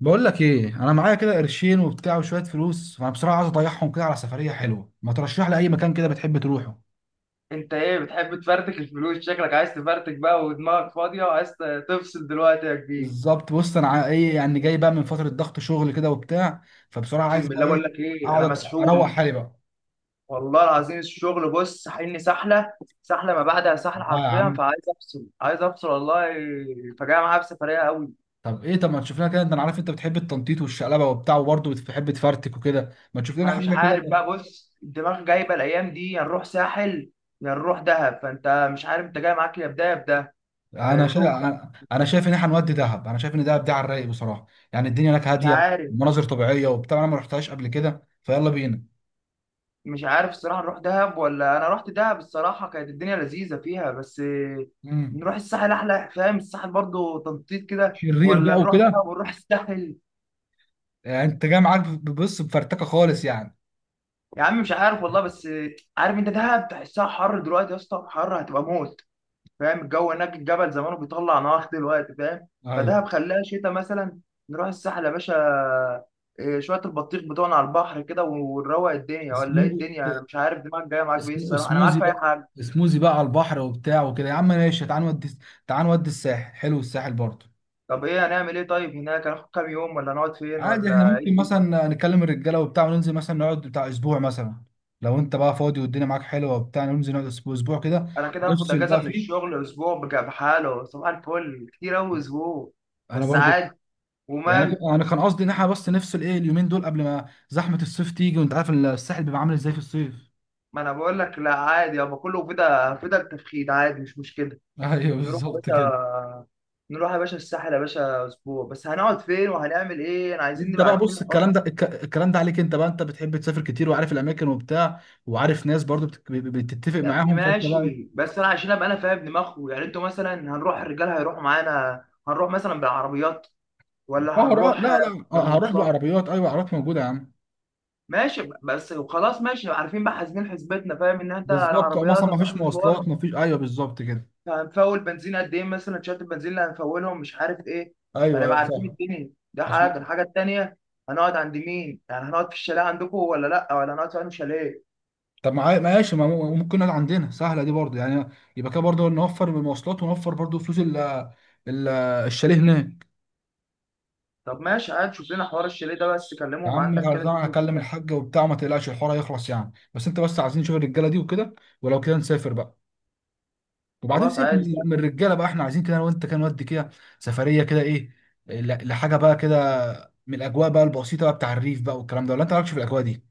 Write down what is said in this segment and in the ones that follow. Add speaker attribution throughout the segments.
Speaker 1: بقول لك ايه، انا معايا كده قرشين وبتاع وشويه فلوس، فانا بصراحه عايز اضيعهم كده على سفريه حلوه. ما ترشح لي اي مكان كده بتحب تروحه؟
Speaker 2: انت ايه؟ بتحب تفرتك الفلوس؟ شكلك عايز تفرتك بقى ودماغك فاضيه وعايز تفصل دلوقتي يا كبير.
Speaker 1: بالظبط. بص انا ايه يعني، جاي بقى من فتره ضغط شغل كده وبتاع، فبصراحه عايز
Speaker 2: اقسم
Speaker 1: بقى
Speaker 2: بالله بقول
Speaker 1: ايه،
Speaker 2: لك ايه، انا
Speaker 1: اقعد اروق
Speaker 2: مسحول.
Speaker 1: حالي بقى.
Speaker 2: والله العظيم الشغل بص ساحلني سحله، سحله ما بعدها سحله
Speaker 1: لا يا
Speaker 2: حرفيا،
Speaker 1: عم.
Speaker 2: فعايز افصل، عايز افصل والله. فجاه معايا بسفريه قوي.
Speaker 1: طب ايه؟ طب ما تشوف لنا كده. انت انا عارف انت بتحب التنطيط والشقلبه وبتاع، وبرضه بتحب تفرتك وكده، ما تشوف لنا
Speaker 2: انا مش
Speaker 1: حاجه
Speaker 2: عارف
Speaker 1: كده.
Speaker 2: بقى، بص الدماغ جايبه الايام دي يا نروح ساحل يا نروح دهب، فانت مش عارف انت جاي معاك يا بده يا بده.
Speaker 1: انا
Speaker 2: اه،
Speaker 1: شايف،
Speaker 2: شوف بقى،
Speaker 1: انا شايف ان احنا نودي دهب. انا شايف ان دهب دي على الرايق بصراحه. يعني الدنيا هناك
Speaker 2: مش
Speaker 1: هاديه،
Speaker 2: عارف.
Speaker 1: مناظر طبيعيه وبتاع، انا ما رحتهاش قبل كده، فيلا بينا.
Speaker 2: مش عارف الصراحة، نروح دهب؟ ولا أنا رحت دهب الصراحة كانت الدنيا لذيذة فيها، بس
Speaker 1: مم.
Speaker 2: نروح الساحل أحلى. فاهم؟ الساحل برضو تنطيط كده،
Speaker 1: شرير بقى
Speaker 2: ولا نروح دهب
Speaker 1: وكده.
Speaker 2: ونروح الساحل؟
Speaker 1: يعني انت جاي معاك؟ بص بفرتكه خالص يعني.
Speaker 2: يا عم مش عارف والله. بس عارف أنت، دهب تحسها حر دلوقتي يا اسطى، حر هتبقى موت. فاهم؟ الجو هناك الجبل زمانه بيطلع نار دلوقتي، فاهم؟
Speaker 1: ايوه.
Speaker 2: فدهب خلاها شتاء مثلا. نروح الساحل يا باشا. إيه، شوية البطيخ بتوعنا على البحر كده ونروق الدنيا، ولا إيه
Speaker 1: اسمه،
Speaker 2: الدنيا؟ أنا مش عارف دماغك جاية معاك بإيه
Speaker 1: اسمه
Speaker 2: الصراحة، أنا معاك
Speaker 1: اسموزي
Speaker 2: في أي
Speaker 1: بقى،
Speaker 2: حاجة.
Speaker 1: اسموزي بقى على البحر وبتاع وكده. يا عم ماشي، تعال نودي، تعال نودي الساحل، حلو الساحل برضه.
Speaker 2: طب ايه؟ هنعمل ايه طيب هناك؟ هناخد كام يوم؟ ولا نقعد فين؟
Speaker 1: عادي، احنا
Speaker 2: ولا ايه
Speaker 1: ممكن
Speaker 2: الدنيا؟
Speaker 1: مثلا نكلم الرجاله وبتاع وننزل مثلا نقعد بتاع اسبوع مثلا. لو انت بقى فاضي والدنيا معاك حلوه وبتاع، ننزل نقعد اسبوع، اسبوع كده،
Speaker 2: انا كده هاخد
Speaker 1: نفصل
Speaker 2: اجازه
Speaker 1: بقى
Speaker 2: من
Speaker 1: فيه.
Speaker 2: الشغل اسبوع، بحاله صباح الفل، كتير اوي اسبوع،
Speaker 1: انا
Speaker 2: بس
Speaker 1: برضو
Speaker 2: عادي.
Speaker 1: يعني،
Speaker 2: ومال؟
Speaker 1: انا كان قصدي ان احنا بس نفصل ايه اليومين دول قبل ما زحمه الصيف تيجي، وانت عارف الساحل بيبقى عامل ازاي في الصيف.
Speaker 2: ما انا بقول لك لا عادي يابا، كله فدا فدا التفخيد، عادي مش مشكله.
Speaker 1: ايوه
Speaker 2: نروح يا
Speaker 1: بالظبط كده.
Speaker 2: باشا، نروح يا باشا الساحل يا باشا. اسبوع بس، هنقعد فين؟ وهنعمل ايه؟ انا عايزين
Speaker 1: انت
Speaker 2: نبقى
Speaker 1: بقى
Speaker 2: عارفين
Speaker 1: بص،
Speaker 2: الحوار.
Speaker 1: الكلام ده عليك انت بقى، انت بتحب تسافر كتير وعارف الاماكن وبتاع، وعارف ناس برضو بتتفق
Speaker 2: يا ابني
Speaker 1: معاهم، فانت بقى ايه؟
Speaker 2: ماشي، بس انا عشان ابقى انا فاهم دماغه، يعني انتوا مثلا هنروح الرجال هيروحوا معانا؟ هنروح مثلا بالعربيات
Speaker 1: اه،
Speaker 2: ولا
Speaker 1: لا
Speaker 2: هنروح
Speaker 1: لا لا، اه هروح
Speaker 2: مواصلات؟
Speaker 1: بالعربيات، ايوه عربيات موجوده يا عم.
Speaker 2: ماشي بس. وخلاص ماشي، عارفين بقى، حاسبين حسبتنا، فاهم؟ ان انت
Speaker 1: بالظبط، اه مثلا
Speaker 2: العربيات
Speaker 1: ما
Speaker 2: هتروح
Speaker 1: فيش
Speaker 2: مشوار،
Speaker 1: مواصلات، ما فيش، ايوه بالظبط كده.
Speaker 2: هنفول بنزين قد ايه مثلا، شات البنزين اللي هنفولهم، مش عارف ايه.
Speaker 1: ايوه
Speaker 2: فنبقى
Speaker 1: ايوه صح.
Speaker 2: عارفين الدنيا، ده حاجه.
Speaker 1: عشان،
Speaker 2: الحاجه التانيه، هنقعد عند مين؟ يعني هنقعد في الشاليه عندكم ولا لا؟ ولا هنقعد في انهي شاليه؟
Speaker 1: طب معايا ماشي، ما ممكن نقعد عندنا سهله دي برضو يعني، يبقى كده برضو نوفر من المواصلات، ونوفر برضو فلوس ال- الشاليه هناك.
Speaker 2: طب ماشي عادي، شوف لنا حوار الشاليه ده، بس
Speaker 1: يا
Speaker 2: كلمهم
Speaker 1: عم
Speaker 2: عندك كده شوف
Speaker 1: خلصانة، هكلم
Speaker 2: الدنيا.
Speaker 1: الحاجه وبتاع، ما تقلقش الحوار هيخلص يعني، بس انت، بس عايزين نشوف الرجاله دي وكده، ولو كده نسافر بقى. وبعدين
Speaker 2: خلاص
Speaker 1: سيبك
Speaker 2: عادي
Speaker 1: من
Speaker 2: سهل.
Speaker 1: الرجاله بقى، احنا عايزين كده انا وانت كده نودي كده، سفريه كده ايه، لحاجه بقى كده، من الاجواء بقى البسيطه بقى، بتاع الريف بقى والكلام ده. ولا انت مالكش في الاجواء دي؟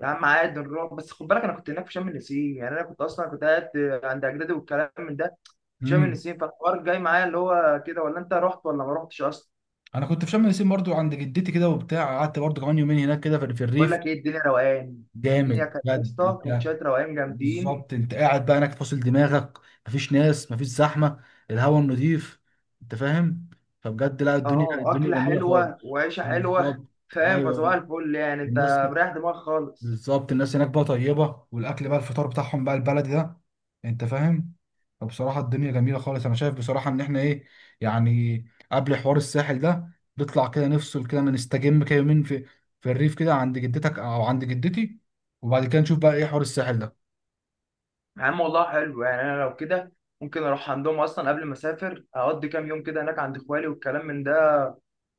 Speaker 2: يا عم عادي نروح، بس خد بالك انا كنت هناك في شم النسيم. يعني انا كنت اصلا كنت قاعد عند اجدادي والكلام من ده في شم
Speaker 1: امم.
Speaker 2: النسيم، فالحوار جاي معايا اللي هو كده. ولا انت رحت ولا ما رحتش اصلا؟
Speaker 1: انا كنت في شم النسيم برضو عند جدتي كده وبتاع، قعدت برضو كمان يومين هناك كده، في
Speaker 2: بقول
Speaker 1: الريف.
Speaker 2: لك ايه، الدنيا روقان. الدنيا
Speaker 1: جامد
Speaker 2: كانت يا
Speaker 1: بجد
Speaker 2: اسطى
Speaker 1: انت.
Speaker 2: كوتشات روقان جامدين.
Speaker 1: بالظبط. انت قاعد بقى هناك فاصل دماغك، مفيش ناس، مفيش زحمه، الهواء النضيف، انت فاهم؟ فبجد لا، الدنيا،
Speaker 2: اه،
Speaker 1: الدنيا
Speaker 2: اكله
Speaker 1: جميله
Speaker 2: حلوه
Speaker 1: خالص.
Speaker 2: وعيشه حلوه.
Speaker 1: بالظبط.
Speaker 2: فاهم؟ فصباح
Speaker 1: ايوه.
Speaker 2: الفل، يعني انت
Speaker 1: الناس،
Speaker 2: مريح دماغك خالص.
Speaker 1: بالظبط، الناس هناك بقى طيبة، والأكل بقى، الفطار بتاعهم بقى البلدي ده، أنت فاهم؟ فبصراحة الدنيا جميلة خالص. أنا شايف بصراحة إن إحنا إيه يعني، قبل حوار الساحل ده، نطلع كده نفصل كده نستجم كده يومين في الريف كده عند جدتك أو عند جدتي، وبعد كده نشوف بقى إيه حوار الساحل ده.
Speaker 2: يا عم والله حلو، يعني انا لو كده ممكن اروح عندهم اصلا قبل ما اسافر، اقضي كام يوم كده هناك عند اخوالي والكلام من ده،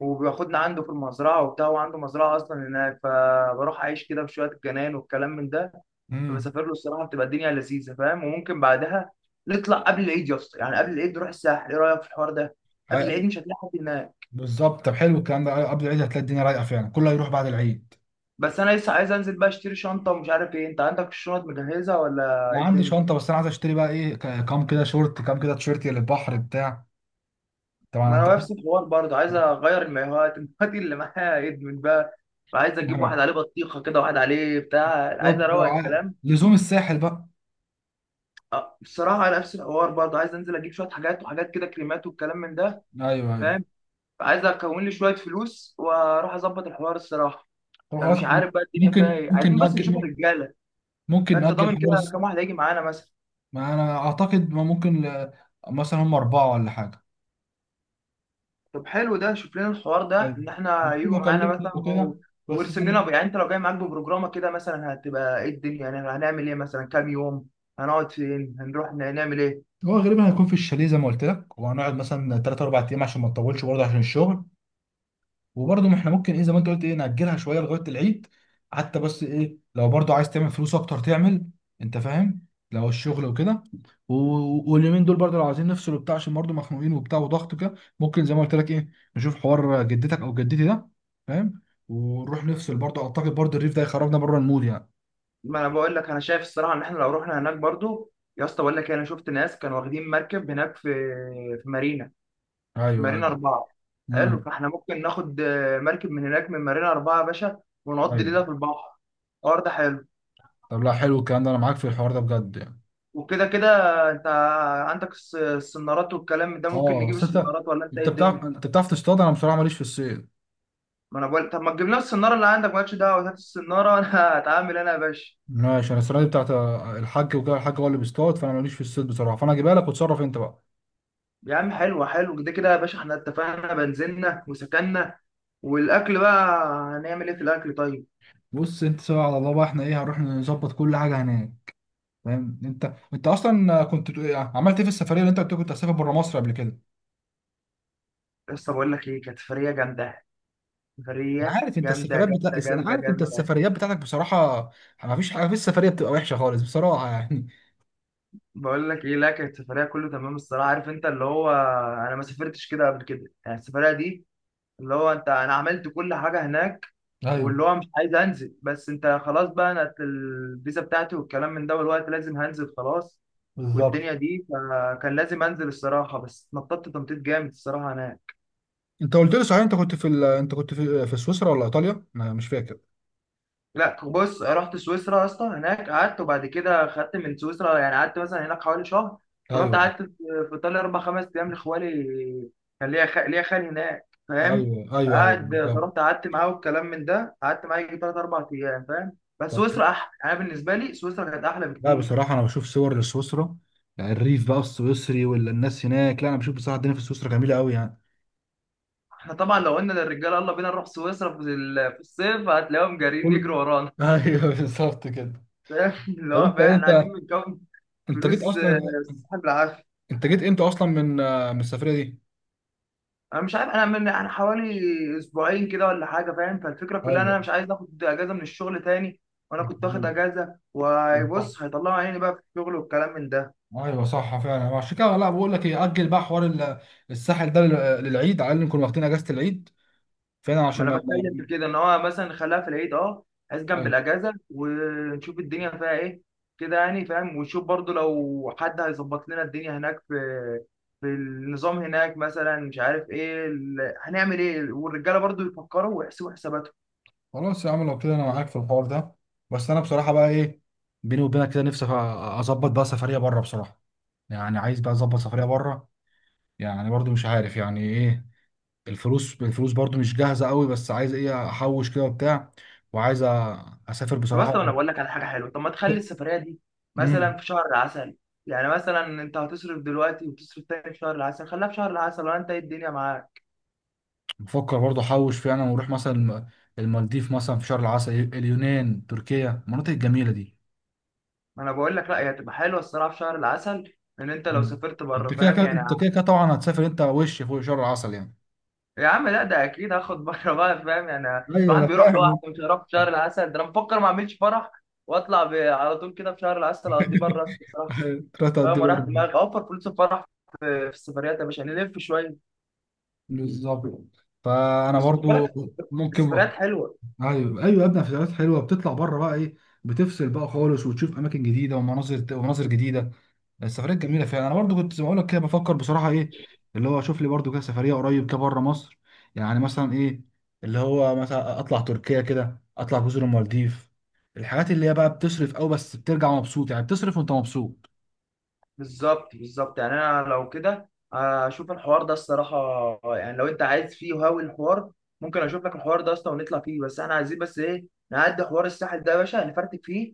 Speaker 2: وبياخدنا عنده في المزرعه وبتاع، وعنده مزرعه اصلا هناك، فبروح اعيش كده في شويه الجنان والكلام من ده.
Speaker 1: امم.
Speaker 2: بسافر له الصراحه بتبقى الدنيا لذيذه، فاهم؟ وممكن بعدها نطلع قبل العيد يا اسطى، يعني قبل العيد نروح الساحل. ايه رايك في الحوار ده؟ قبل العيد
Speaker 1: عي-
Speaker 2: مش هتلاقي حد هناك.
Speaker 1: بالظبط، طب حلو الكلام ده. قبل العيد هتلاقي الدنيا رايقة فعلا، كله هيروح بعد العيد.
Speaker 2: بس انا لسه عايز انزل بقى اشتري شنطه ومش عارف ايه، انت عندك الشنط مجهزه ولا ايه
Speaker 1: ما عندي
Speaker 2: الدنيا؟
Speaker 1: شنطة، بس أنا عايز أشتري بقى إيه، كام كده شورت، كام كده تيشيرت للبحر بتاع،
Speaker 2: ما
Speaker 1: طبعا.
Speaker 2: انا نفس الحوار برضه، عايز اغير المايوهات المايوهات اللي معايا ادمت بقى، وعايز اجيب
Speaker 1: أنت
Speaker 2: واحد عليه بطيخه كده، واحد عليه بتاع، عايز
Speaker 1: بالظبط،
Speaker 2: اروق
Speaker 1: هو
Speaker 2: الكلام.
Speaker 1: لزوم الساحل بقى.
Speaker 2: أه، بصراحه على نفس الحوار برضه، عايز انزل اجيب شويه حاجات، وحاجات كده كريمات والكلام من ده.
Speaker 1: ايوه ايوه.
Speaker 2: فاهم؟ عايز اكون لي شويه فلوس واروح اظبط الحوار الصراحه.
Speaker 1: طب خلاص
Speaker 2: فمش
Speaker 1: احنا،
Speaker 2: عارف بقى الدنيا فيها
Speaker 1: ممكن
Speaker 2: ايه،
Speaker 1: ممكن
Speaker 2: عايزين بس نشوف
Speaker 1: نأجل،
Speaker 2: الرجاله.
Speaker 1: ممكن
Speaker 2: فانت
Speaker 1: نأجل
Speaker 2: ضامن كده
Speaker 1: حوار
Speaker 2: كام واحد هيجي معانا مثلا؟
Speaker 1: ما انا اعتقد ما ممكن ل... مثلا هم اربعه ولا حاجه.
Speaker 2: طب حلو ده، شوف لنا الحوار ده
Speaker 1: ايوه.
Speaker 2: ان احنا
Speaker 1: هشوف
Speaker 2: هيجوا معانا
Speaker 1: اكلمهم
Speaker 2: مثلا
Speaker 1: وكده،
Speaker 2: و...
Speaker 1: بس زي
Speaker 2: وارسم لنا، يعني انت لو جاي معاك ببروجرامه كده، مثلا هتبقى ايه الدنيا، يعني هنعمل ايه، مثلا كام يوم، هنقعد فين، هنروح نعمل ايه؟
Speaker 1: هو غالبا هيكون في الشاليه زي ما قلت لك، وهنقعد مثلا ثلاث اربع ايام عشان ما نطولش برضه عشان الشغل. وبرضه ما احنا ممكن ايه، زي ما انت قلت ايه، نأجلها شويه لغايه العيد حتى، بس ايه، لو برضه عايز تعمل فلوس اكتر تعمل، انت فاهم، لو الشغل وكده. واليومين دول برضه، لو عايزين نفصل وبتاع عشان برضه مخنوقين وبتاع وضغط كده، ممكن زي ما قلت لك ايه، نشوف حوار جدتك او جدتي ده، فاهم؟ ونروح نفصل برضه. اعتقد برضه الريف ده يخرجنا بره المود يعني.
Speaker 2: ما انا بقول لك انا شايف الصراحه ان احنا لو رحنا هناك برضو، يا اسطى بقول لك إيه، انا شفت ناس كانوا واخدين مركب هناك في في مارينا، في
Speaker 1: ايوه ايوه.
Speaker 2: مارينا اربعه. حلو،
Speaker 1: امم.
Speaker 2: فاحنا ممكن ناخد آه، مركب من هناك من مارينا اربعه يا باشا، ونقضي
Speaker 1: ايوه.
Speaker 2: ليله في البحر. الحوار ده حلو.
Speaker 1: طب لا، حلو الكلام ده، انا معاك في الحوار ده بجد يعني.
Speaker 2: وكده كده انت عندك السنارات والكلام ده، ممكن
Speaker 1: اه،
Speaker 2: نجيب
Speaker 1: بس انت،
Speaker 2: السنارات، ولا انت ايه
Speaker 1: انت
Speaker 2: الدنيا؟
Speaker 1: بتعرف، انت بتعرف تصطاد، انا بصراحه ماليش في الصيد.
Speaker 2: ما انا بقول، طب ما تجيب لنا السناره اللي عندك، مالكش دعوه، هات السناره انا هتعامل انا يا باشا.
Speaker 1: ماشي، انا السنه دي بتاعت الحاج وكده، الحاج هو اللي بيصطاد، فانا ماليش في الصيد بصراحه، فانا هجيبها لك وتصرف انت بقى.
Speaker 2: يا عم حلو، حلو كده كده يا باشا، احنا اتفقنا، بنزلنا وسكننا. والاكل بقى، هنعمل ايه في الاكل طيب؟
Speaker 1: بص انت، سوا على الله بقى، احنا ايه هنروح نظبط كل حاجه هناك، فاهم؟ انت انت اصلا كنت عملت ايه في السفريه اللي انت قلت كنت هتسافر بره مصر قبل كده؟
Speaker 2: لسه بقول لك ايه، كانت سفريه جامده.
Speaker 1: انا
Speaker 2: سفريه
Speaker 1: عارف انت
Speaker 2: جامده
Speaker 1: السفريات بتاع،
Speaker 2: جامده
Speaker 1: انا
Speaker 2: جامده
Speaker 1: عارف انت
Speaker 2: جامده.
Speaker 1: السفريات بتاعتك بصراحه، ما فيش حاجه في السفريه بتبقى وحشه خالص بصراحه يعني.
Speaker 2: بقول لك ايه، لا كانت سفريه كله تمام الصراحه. عارف انت اللي هو، انا ما سافرتش كده قبل كده يعني، السفريه دي اللي هو انت، انا عملت كل حاجه هناك،
Speaker 1: ايوه
Speaker 2: واللي هو مش عايز انزل، بس انت خلاص بقى، انا الفيزا بتاعتي والكلام من ده والوقت لازم هنزل خلاص والدنيا
Speaker 1: بالظبط.
Speaker 2: دي، فكان لازم انزل الصراحه، بس نططت تنطيط جامد الصراحه هناك.
Speaker 1: انت قلت لي صحيح، انت كنت في ال... انت كنت في في سويسرا ولا ايطاليا، انا مش فاكر.
Speaker 2: لا بص، رحت سويسرا يا اسطى، هناك قعدت وبعد كده خدت من سويسرا، يعني قعدت مثلا هناك حوالي شهر، ورحت
Speaker 1: ايوه
Speaker 2: قعدت في ايطاليا اربع خمس ايام لخوالي. كان ليا ليا خال هناك فاهم.
Speaker 1: ايوه ايوه ايوه
Speaker 2: فقعد،
Speaker 1: بالظبط.
Speaker 2: فرحت قعدت معاه والكلام من ده، قعدت معاه يجي ثلاث اربع ايام، فاهم؟ بس
Speaker 1: طب
Speaker 2: سويسرا احلى، انا بالنسبه لي سويسرا كانت احلى
Speaker 1: لا،
Speaker 2: بكتير.
Speaker 1: بصراحة أنا بشوف صور لسويسرا، يعني الريف بقى السويسري والناس هناك، لا أنا بشوف بصراحة الدنيا في سويسرا جميلة أوي يعني.
Speaker 2: احنا طبعا لو قلنا للرجاله يلا بينا نروح سويسرا في في الصيف، هتلاقيهم جارين
Speaker 1: قول.
Speaker 2: يجروا ورانا.
Speaker 1: أيوه بالظبط كده.
Speaker 2: فاهم اللي
Speaker 1: طب
Speaker 2: هو؟ فاهم؟
Speaker 1: أنت إيه،
Speaker 2: احنا قاعدين
Speaker 1: أنت،
Speaker 2: بنكون
Speaker 1: أنت جيت
Speaker 2: فلوس آه،
Speaker 1: أصلا،
Speaker 2: سحب العافيه.
Speaker 1: أنت جيت إمتى أصلا من آه، من السفرية دي؟
Speaker 2: انا مش عارف، انا من انا حوالي اسبوعين كده ولا حاجه، فاهم؟ فالفكره كلها ان
Speaker 1: ايوه
Speaker 2: انا مش عايز اخد اجازه من الشغل تاني. وانا كنت واخد
Speaker 1: بالظبط.
Speaker 2: اجازه،
Speaker 1: صح.
Speaker 2: وبص هيطلعوا عيني بقى في الشغل والكلام من ده.
Speaker 1: ايوه صح فعلا، عشان كده لا، بقول لك ايه، اجل بقى حوار الساحل ده للعيد، على الاقل نكون واخدين اجازه العيد فعلا،
Speaker 2: ما
Speaker 1: عشان
Speaker 2: انا بتكلم في كده ان هو مثلا نخليها في العيد. اه، عايز جنب
Speaker 1: طيب
Speaker 2: الاجازه ونشوف الدنيا فيها ايه كده، يعني فاهم؟ ونشوف برضو لو حد هيظبط لنا الدنيا هناك في في النظام هناك مثلا، مش عارف ايه هنعمل ايه، والرجاله برضو يفكروا ويحسبوا حساباتهم.
Speaker 1: خلاص يا عم، لو كده انا معاك في الحوار ده. بس انا بصراحه بقى ايه، بيني وبينك كده، نفسي اظبط بقى سفريه بره بصراحه، يعني عايز بقى اظبط سفريه بره. يعني برضو مش عارف يعني ايه، الفلوس، الفلوس برضو مش جاهزه قوي، بس عايز ايه احوش كده وبتاع، وعايز اسافر
Speaker 2: طب
Speaker 1: بصراحه.
Speaker 2: اصلا انا بقول لك على حاجه حلوه، طب ما تخلي السفريه دي
Speaker 1: امم.
Speaker 2: مثلا في شهر العسل؟ يعني مثلا انت هتصرف دلوقتي وتصرف تاني في شهر العسل، خليها في شهر العسل، ولا انت ايه الدنيا معاك؟
Speaker 1: بفكر برضو احوش فيها انا واروح مثلا المالديف مثلا في شهر العسل، اليونان، تركيا، المناطق الجميله دي.
Speaker 2: ما انا بقول لك لا، هي هتبقى حلوه الصراحه في شهر العسل، ان انت لو
Speaker 1: مم.
Speaker 2: سافرت
Speaker 1: انت
Speaker 2: بره،
Speaker 1: كده
Speaker 2: فاهم؟
Speaker 1: كده، انت كده كده طبعا هتسافر انت وش فوق شهر العسل يعني.
Speaker 2: يا عم لا ده اكيد هاخد بره بقى، فاهم يعني؟
Speaker 1: ايوه
Speaker 2: الواحد
Speaker 1: انا
Speaker 2: بيروح لوحده
Speaker 1: فاهم.
Speaker 2: مش هيروح في شهر العسل ده، انا بفكر ما اعملش فرح واطلع على طول كده في شهر العسل اقضيه بره أصلاً الصراحه.
Speaker 1: ثلاثة قد
Speaker 2: فاهم؟ وراح
Speaker 1: برضه.
Speaker 2: دماغي اوفر فلوس الفرح في في السفريات يا باشا، نلف شويه.
Speaker 1: بالظبط، فانا
Speaker 2: بس خد
Speaker 1: برضو
Speaker 2: بالك
Speaker 1: ممكن.
Speaker 2: السفريات حلوه.
Speaker 1: ايوه ايوه يا ابني، فيديوهات حلوه بتطلع بره بقى ايه، بتفصل بقى خالص، وتشوف اماكن جديده ومناظر، ومناظر جديده، السفريات جميله فعلا. انا برضو كنت زي ما اقول لك كده بفكر بصراحه ايه، اللي هو اشوف لي برضو كده سفريه قريب كده بره مصر، يعني مثلا ايه، اللي هو مثلا اطلع تركيا كده، اطلع جزر المالديف، الحاجات اللي هي بقى بتصرف قوي، بس بترجع مبسوط يعني، بتصرف وانت مبسوط.
Speaker 2: بالظبط بالظبط، يعني انا لو كده اشوف الحوار ده الصراحه. يعني لو انت عايز فيه وهاوي الحوار، ممكن اشوف لك الحوار ده اصلا ونطلع فيه، بس احنا عايزين بس ايه، نعدي حوار الساحل ده يا باشا، نفرتك فيه،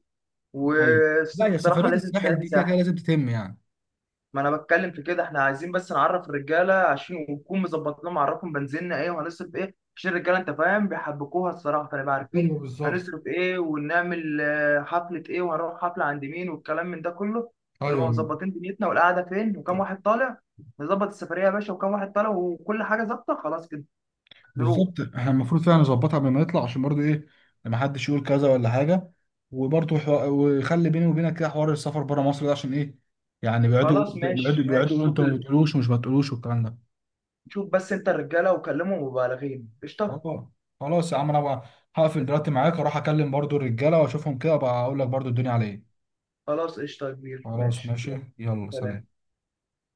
Speaker 1: ايوه. لا
Speaker 2: والصيف
Speaker 1: يا،
Speaker 2: الصراحه
Speaker 1: سفريه
Speaker 2: لازم
Speaker 1: الساحل
Speaker 2: تتعدي
Speaker 1: دي كده كده
Speaker 2: ساحل.
Speaker 1: لازم تتم يعني.
Speaker 2: ما انا بتكلم في كده، احنا عايزين بس نعرف الرجاله عشان ونكون مظبط لهم، نعرفهم بنزيننا ايه، وهنصرف ايه، عشان الرجاله انت فاهم بيحبكوها الصراحه، فنبقى
Speaker 1: ايوه
Speaker 2: عارفين
Speaker 1: بالظبط.
Speaker 2: هنصرف ايه، ونعمل آه، حفله ايه، وهنروح حفله عند مين، والكلام من ده كله. ونبقى
Speaker 1: ايوه
Speaker 2: مظبطين دنيتنا والقعده فين وكم واحد طالع. نظبط السفريه يا باشا، وكم واحد طالع، وكل حاجه ظابطه خلاص كده. نروح.
Speaker 1: بالظبط، احنا المفروض فعلا نظبطها قبل ما نطلع، عشان برضو ايه، ما حدش يقول كذا ولا حاجه، وبرضو حو... ويخلي بيني وبينك كده حوار السفر بره مصر ده، عشان ايه يعني، بيقعدوا
Speaker 2: خلاص
Speaker 1: يقولوا- بيقعدوا
Speaker 2: ماشي
Speaker 1: بيقعدوا
Speaker 2: ماشي،
Speaker 1: يقولوا انت
Speaker 2: شوف
Speaker 1: ما
Speaker 2: ال...
Speaker 1: بتقولوش ومش ما بتقولوش والكلام ده.
Speaker 2: شوف بس انت الرجاله وكلمهم، وبالغين قشطه.
Speaker 1: اه خلاص يا عم، انا بقى هقفل دلوقتي معاك، اروح اكلم برضو الرجاله واشوفهم كده بقى، اقول لك برضو الدنيا على ايه.
Speaker 2: خلاص قشطه يا كبير،
Speaker 1: خلاص
Speaker 2: ماشي يلا،
Speaker 1: ماشي، يلا سلام.
Speaker 2: سلام.